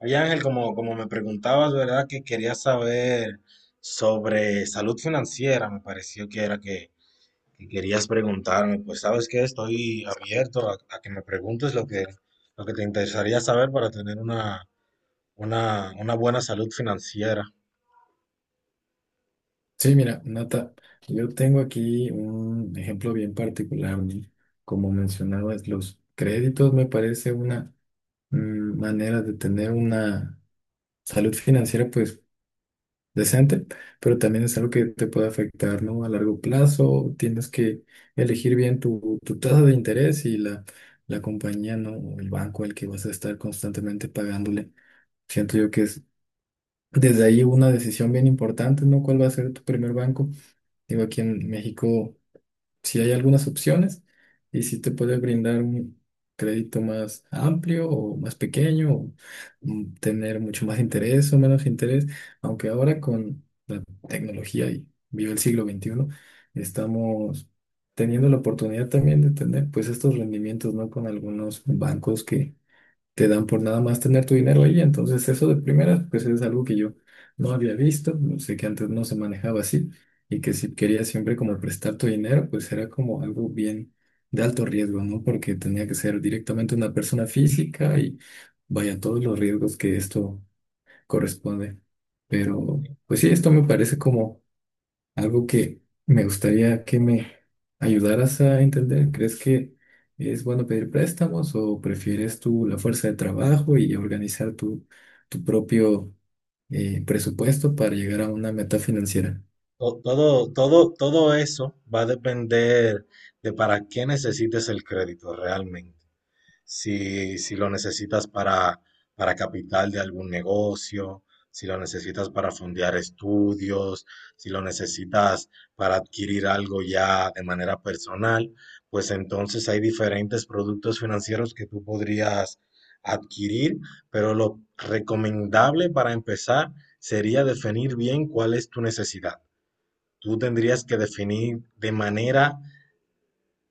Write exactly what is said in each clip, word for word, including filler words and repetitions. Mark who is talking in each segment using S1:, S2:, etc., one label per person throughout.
S1: Oye Ángel, como, como me preguntabas, ¿verdad? Que querías saber sobre salud financiera, me pareció que era que, que querías preguntarme. Pues sabes que estoy abierto a, a que me preguntes lo que, lo que te interesaría saber para tener una, una, una buena salud financiera.
S2: Sí, mira, Nata, yo tengo aquí un ejemplo bien particular, ¿no? Como mencionabas, los créditos me parece una mm, manera de tener una salud financiera pues decente, pero también es algo que te puede afectar, ¿no? A largo plazo, tienes que elegir bien tu, tu tasa de interés y la, la compañía, ¿no? O el banco al que vas a estar constantemente pagándole. Siento yo que es desde ahí una decisión bien importante, ¿no? ¿Cuál va a ser tu primer banco? Digo, aquí en México. Si hay algunas opciones y si te puede brindar un crédito más amplio o más pequeño, o, mm, tener mucho más interés o menos interés, aunque ahora con la tecnología y vive el siglo veintiuno estamos teniendo la oportunidad también de tener pues estos rendimientos, ¿no? Con algunos bancos que te dan por nada más tener tu dinero ahí. Entonces eso de primera, pues es algo que yo no había visto, no sé que antes no se manejaba así y que si querías siempre como prestar tu dinero, pues era como algo bien de alto riesgo, ¿no? Porque tenía que ser directamente una persona física y vaya todos los riesgos que esto corresponde. Pero pues sí, esto me parece como algo que me gustaría que me ayudaras a entender. ¿Crees que es bueno pedir préstamos o prefieres tú la fuerza de trabajo y organizar tu, tu propio eh, presupuesto para llegar a una meta financiera?
S1: To- Todo, todo, todo eso va a depender de para qué necesites el crédito realmente. si, si lo necesitas para, para capital de algún negocio, si lo necesitas para fondear estudios, si lo necesitas para adquirir algo ya de manera personal, pues entonces hay diferentes productos financieros que tú podrías adquirir, pero lo recomendable para empezar sería definir bien cuál es tu necesidad. Tú tendrías que definir de manera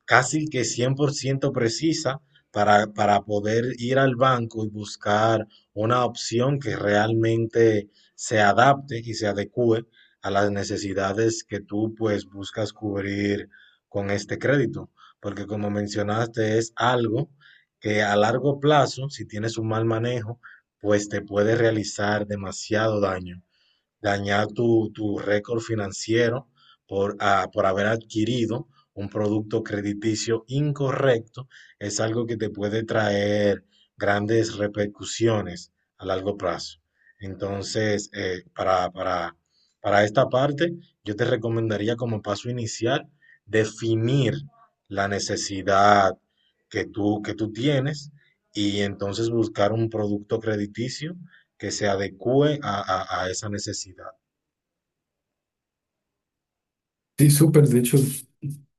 S1: casi que cien por ciento precisa para, para poder ir al banco y buscar una opción que realmente se adapte y se adecue a las necesidades que tú pues buscas cubrir con este crédito. Porque como mencionaste, es algo que a largo plazo, si tienes un mal manejo, pues te puede realizar demasiado daño dañar tu, tu récord financiero por, ah, por haber adquirido un producto crediticio incorrecto, es algo que te puede traer grandes repercusiones a largo plazo. Entonces, eh, para, para, para esta parte, yo te recomendaría como paso inicial definir la necesidad que tú, que tú tienes y entonces buscar un producto crediticio que se adecue a, a- a esa necesidad,
S2: Sí, súper. De hecho,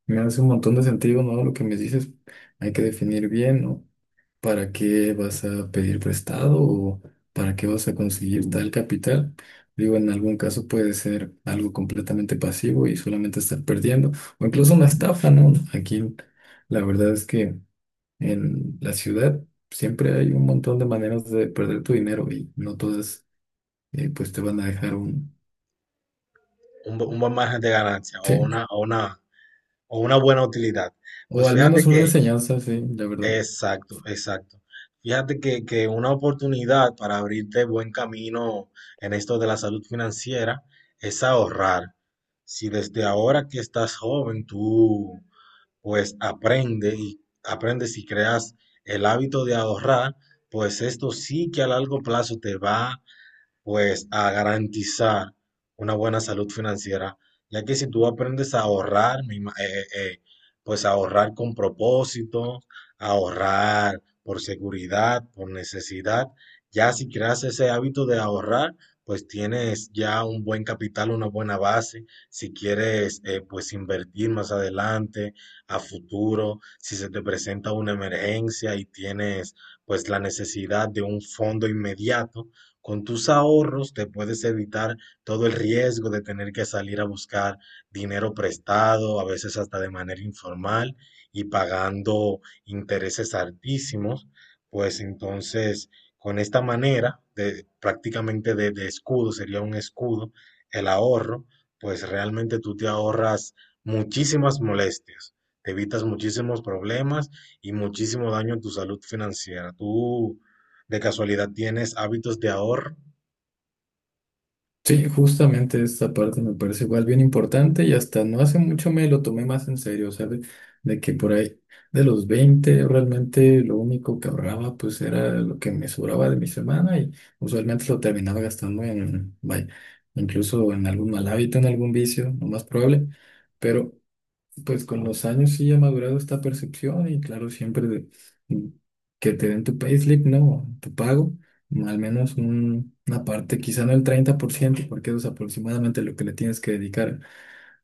S2: me hace un montón de sentido, ¿no? Lo que me dices, hay que definir bien, ¿no? ¿Para qué vas a pedir prestado o para qué vas a conseguir tal capital? Digo, en algún caso puede ser algo completamente pasivo y solamente estar perdiendo, o incluso una estafa, ¿no? Aquí la verdad es que en la ciudad siempre hay un montón de maneras de perder tu dinero y no todas eh, pues te van a dejar un,
S1: un, bu- un buen margen de ganancia o
S2: sí,
S1: una, o una, o una buena utilidad.
S2: o
S1: Pues
S2: al
S1: fíjate
S2: menos una
S1: que,
S2: enseñanza, sí, la verdad.
S1: exacto, exacto. Fíjate que, que una oportunidad para abrirte buen camino en esto de la salud financiera es ahorrar. Si desde ahora que estás joven, tú pues aprende y aprendes y creas el hábito de ahorrar, pues esto sí que a largo plazo te va pues a garantizar una buena salud financiera, ya que si tú aprendes a ahorrar, me ima- eh, eh, eh, pues ahorrar con propósito, ahorrar por seguridad, por necesidad, ya si creas ese hábito de ahorrar, pues tienes ya un buen capital, una buena base, si quieres eh, pues invertir más adelante, a futuro, si se te presenta una emergencia y tienes pues la necesidad de un fondo inmediato, con tus ahorros te puedes evitar todo el riesgo de tener que salir a buscar dinero prestado, a veces hasta de manera informal y pagando intereses altísimos. Pues entonces, con esta manera de prácticamente de, de escudo, sería un escudo, el ahorro, pues realmente tú te ahorras muchísimas molestias, te evitas muchísimos problemas y muchísimo daño en tu salud financiera. ¿Tú de casualidad, tienes hábitos de ahorro?
S2: Sí, justamente esta parte me parece igual bien importante y hasta no hace mucho me lo tomé más en serio, ¿sabes? De que por ahí de los veinte realmente lo único que ahorraba pues era lo que me sobraba de mi semana y usualmente lo terminaba gastando en, vaya, incluso en algún mal hábito, en algún vicio, lo más probable, pero pues con los años sí ha madurado esta percepción y claro, siempre de- que te den tu payslip, ¿no? Tu pago, al menos un- una parte, quizá no el treinta por ciento porque eso es aproximadamente lo que le tienes que dedicar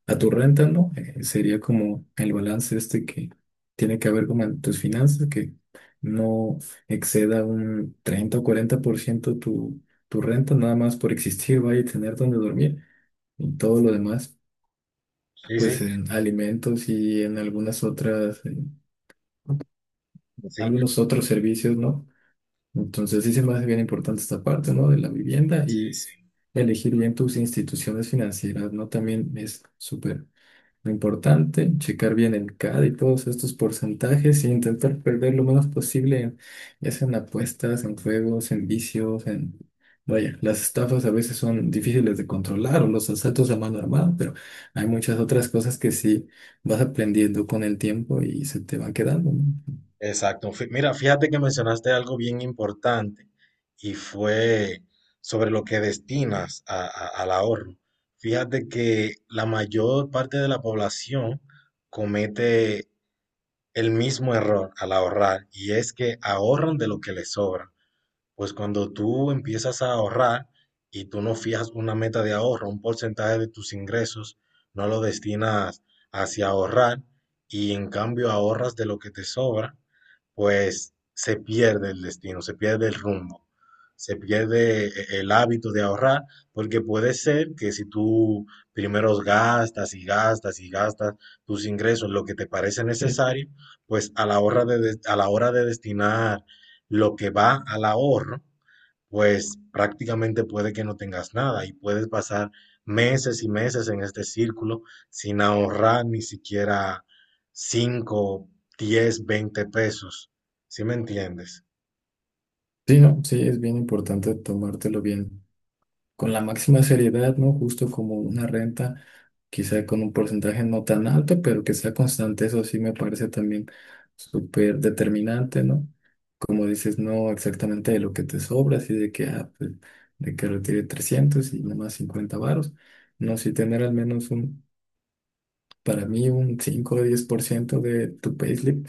S2: a tu renta, ¿no? Eh, sería como el balance este que tiene que haber como en tus finanzas, que no exceda un treinta o cuarenta por ciento tu, tu renta, nada más por existir, vaya a tener donde dormir y todo lo demás
S1: Sí,
S2: pues
S1: sí,
S2: en alimentos y en algunas otras, en
S1: sí,
S2: algunos otros servicios, ¿no? Entonces sí se me hace bien importante esta parte, ¿no? De la vivienda y
S1: sí, sí.
S2: elegir bien tus instituciones financieras, ¿no? También es súper lo importante, checar bien el C A D y todos estos porcentajes y intentar perder lo menos posible, ya sea en apuestas, en juegos, en vicios, en... Vaya, las estafas a veces son difíciles de controlar o los asaltos a mano armada, pero hay muchas otras cosas que sí vas aprendiendo con el tiempo y se te van quedando, ¿no?
S1: Exacto. Fí- Mira, fíjate que mencionaste algo bien importante y fue sobre lo que destinas a- a- al ahorro. Fíjate que la mayor parte de la población comete el mismo error al ahorrar y es que ahorran de lo que les sobra. Pues cuando tú empiezas a ahorrar y tú no fijas una meta de ahorro, un porcentaje de tus ingresos, no lo destinas hacia ahorrar y en cambio ahorras de lo que te sobra, pues se pierde el destino, se pierde el rumbo, se pierde e- el hábito de ahorrar, porque puede ser que si tú primero gastas y gastas y gastas tus ingresos, lo que te parece
S2: Ok.
S1: necesario, pues a la hora de, des- a la hora de destinar lo que va al ahorro, pues prácticamente puede que no tengas nada y puedes pasar meses y meses en este círculo sin ahorrar ni siquiera cinco, diez, veinte pesos. ¿Sí me entiendes?
S2: Sí, no, sí, es bien importante tomártelo bien con la máxima seriedad, ¿no? Justo como una renta, quizá con un porcentaje no tan alto, pero que sea constante, eso sí me parece también súper determinante, ¿no? Como dices, no exactamente de lo que te sobra, así de que, ah, pues, de que retire trescientos y nomás cincuenta varos, no, si tener al menos un, para mí, un cinco o diez por ciento de tu payslip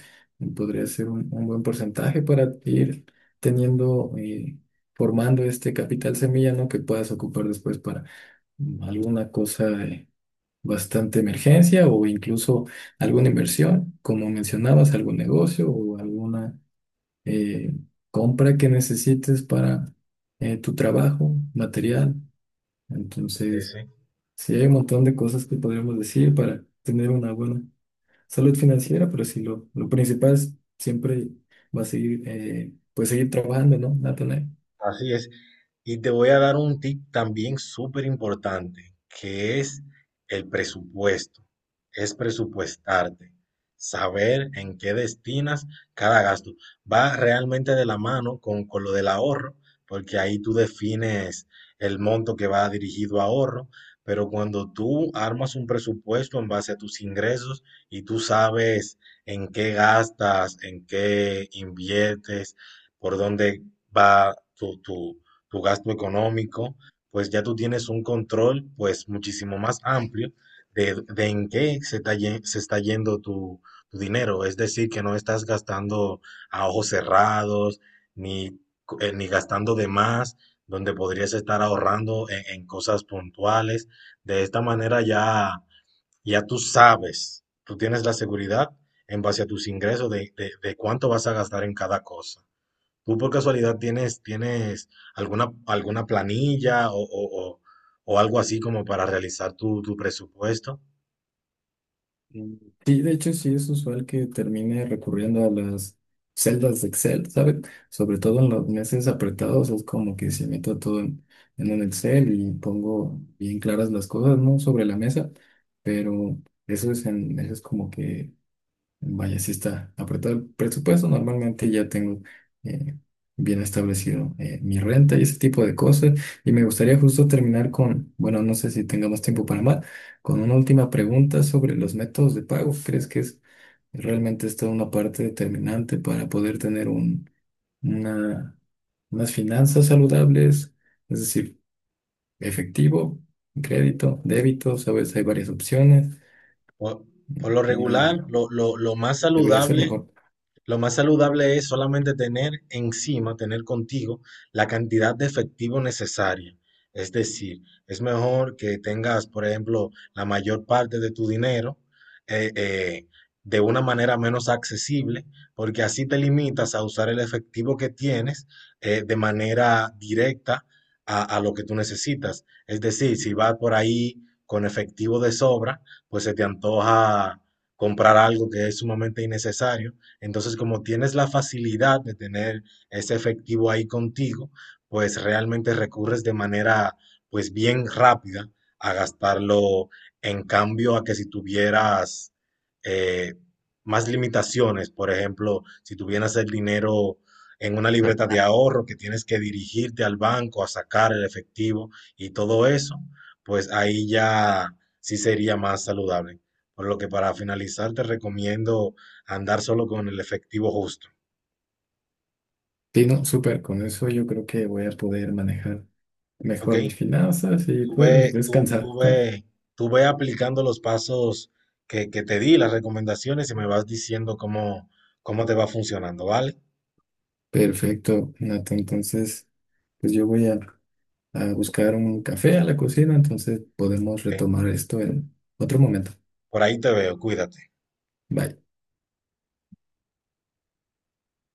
S2: podría ser un, un buen porcentaje para ir teniendo... eh, formando este capital semilla, ¿no? Que puedas ocupar después alguna cosa de bastante emergencia o incluso alguna inversión, como mencionabas, algún negocio o alguna eh, compra que necesites para eh, tu trabajo, material.
S1: Sí,
S2: Entonces,
S1: sí.
S2: sí hay un montón de cosas que podríamos decir para tener una buena salud financiera, pero sí lo, lo principal es siempre va a seguir, eh, pues seguir trabajando, ¿no? ¿Natanael?
S1: Así es. Y te voy a dar un tip también súper importante, que es el presupuesto. Es presupuestarte, saber en qué destinas cada gasto. Va realmente de la mano con, con lo del ahorro, porque ahí tú defines el monto que va dirigido a ahorro, pero cuando tú armas un presupuesto en base a tus ingresos y tú sabes en qué gastas, en qué inviertes, por dónde va tu, tu, tu gasto económico, pues ya tú tienes un control pues muchísimo más amplio de, de en qué se está, ye- se está yendo tu, tu dinero. Es decir, que no estás gastando a ojos cerrados, ni, co- eh, ni gastando de más, donde podrías estar ahorrando en, en cosas puntuales. De esta manera ya, ya tú sabes, tú tienes la seguridad en base a tus ingresos de, de de cuánto vas a gastar en cada cosa. ¿Tú por casualidad tienes, tienes alguna, alguna planilla o, o- o- o algo así como para realizar tu, tu presupuesto?
S2: Mm. Sí, de hecho sí es usual que termine recurriendo a las celdas de Excel, ¿sabes? Sobre todo en los meses apretados es como que se meto todo en, en un Excel y pongo bien claras las cosas, ¿no? Sobre la mesa, pero eso es, en, eso es como que vaya, si está apretado el presupuesto. Normalmente ya tengo eh, bien establecido eh, mi renta y ese tipo de cosas. Y me gustaría justo terminar con, bueno, no sé si tengamos tiempo para más, con una última pregunta sobre los métodos de pago. ¿Crees que es realmente esta una parte determinante para poder tener un, una, unas finanzas saludables? Es decir, efectivo, crédito, débito, sabes, hay varias opciones.
S1: Por, por lo regular,
S2: Una
S1: lo, lo- lo más
S2: debería ser
S1: saludable
S2: mejor.
S1: Lo más saludable es solamente tener encima, tener contigo la cantidad de efectivo necesaria. Es decir, es mejor que tengas, por ejemplo, la mayor parte de tu dinero eh, eh, de una manera menos accesible, porque así te limitas a usar el efectivo que tienes eh, de manera directa a, a lo que tú necesitas. Es decir, si vas por ahí con efectivo de sobra, pues se te antoja comprar algo que es sumamente innecesario. Entonces, como tienes la facilidad de tener ese efectivo ahí contigo, pues realmente recurres de manera, pues bien rápida a gastarlo en cambio a que si tuvieras eh, más limitaciones, por ejemplo, si tuvieras el dinero en una libreta de ahorro que tienes que dirigirte al banco a sacar el efectivo y todo eso, pues ahí ya sí sería más saludable. Por lo que para finalizar te recomiendo andar solo con el efectivo justo,
S2: Sí, no, súper, con eso yo creo que voy a poder manejar
S1: ¿ok?
S2: mejor mis finanzas y
S1: Tú ve,
S2: pues
S1: tú,
S2: descansar.
S1: tú
S2: Ah,
S1: ve, tú ve aplicando los pasos que, que te di, las recomendaciones y me vas diciendo cómo, cómo te va funcionando, ¿vale?
S2: perfecto, Nato. Entonces, pues yo voy a, a buscar un café a la cocina, entonces podemos
S1: Ok,
S2: retomar esto en otro momento.
S1: por ahí te veo, cuídate.
S2: Bye.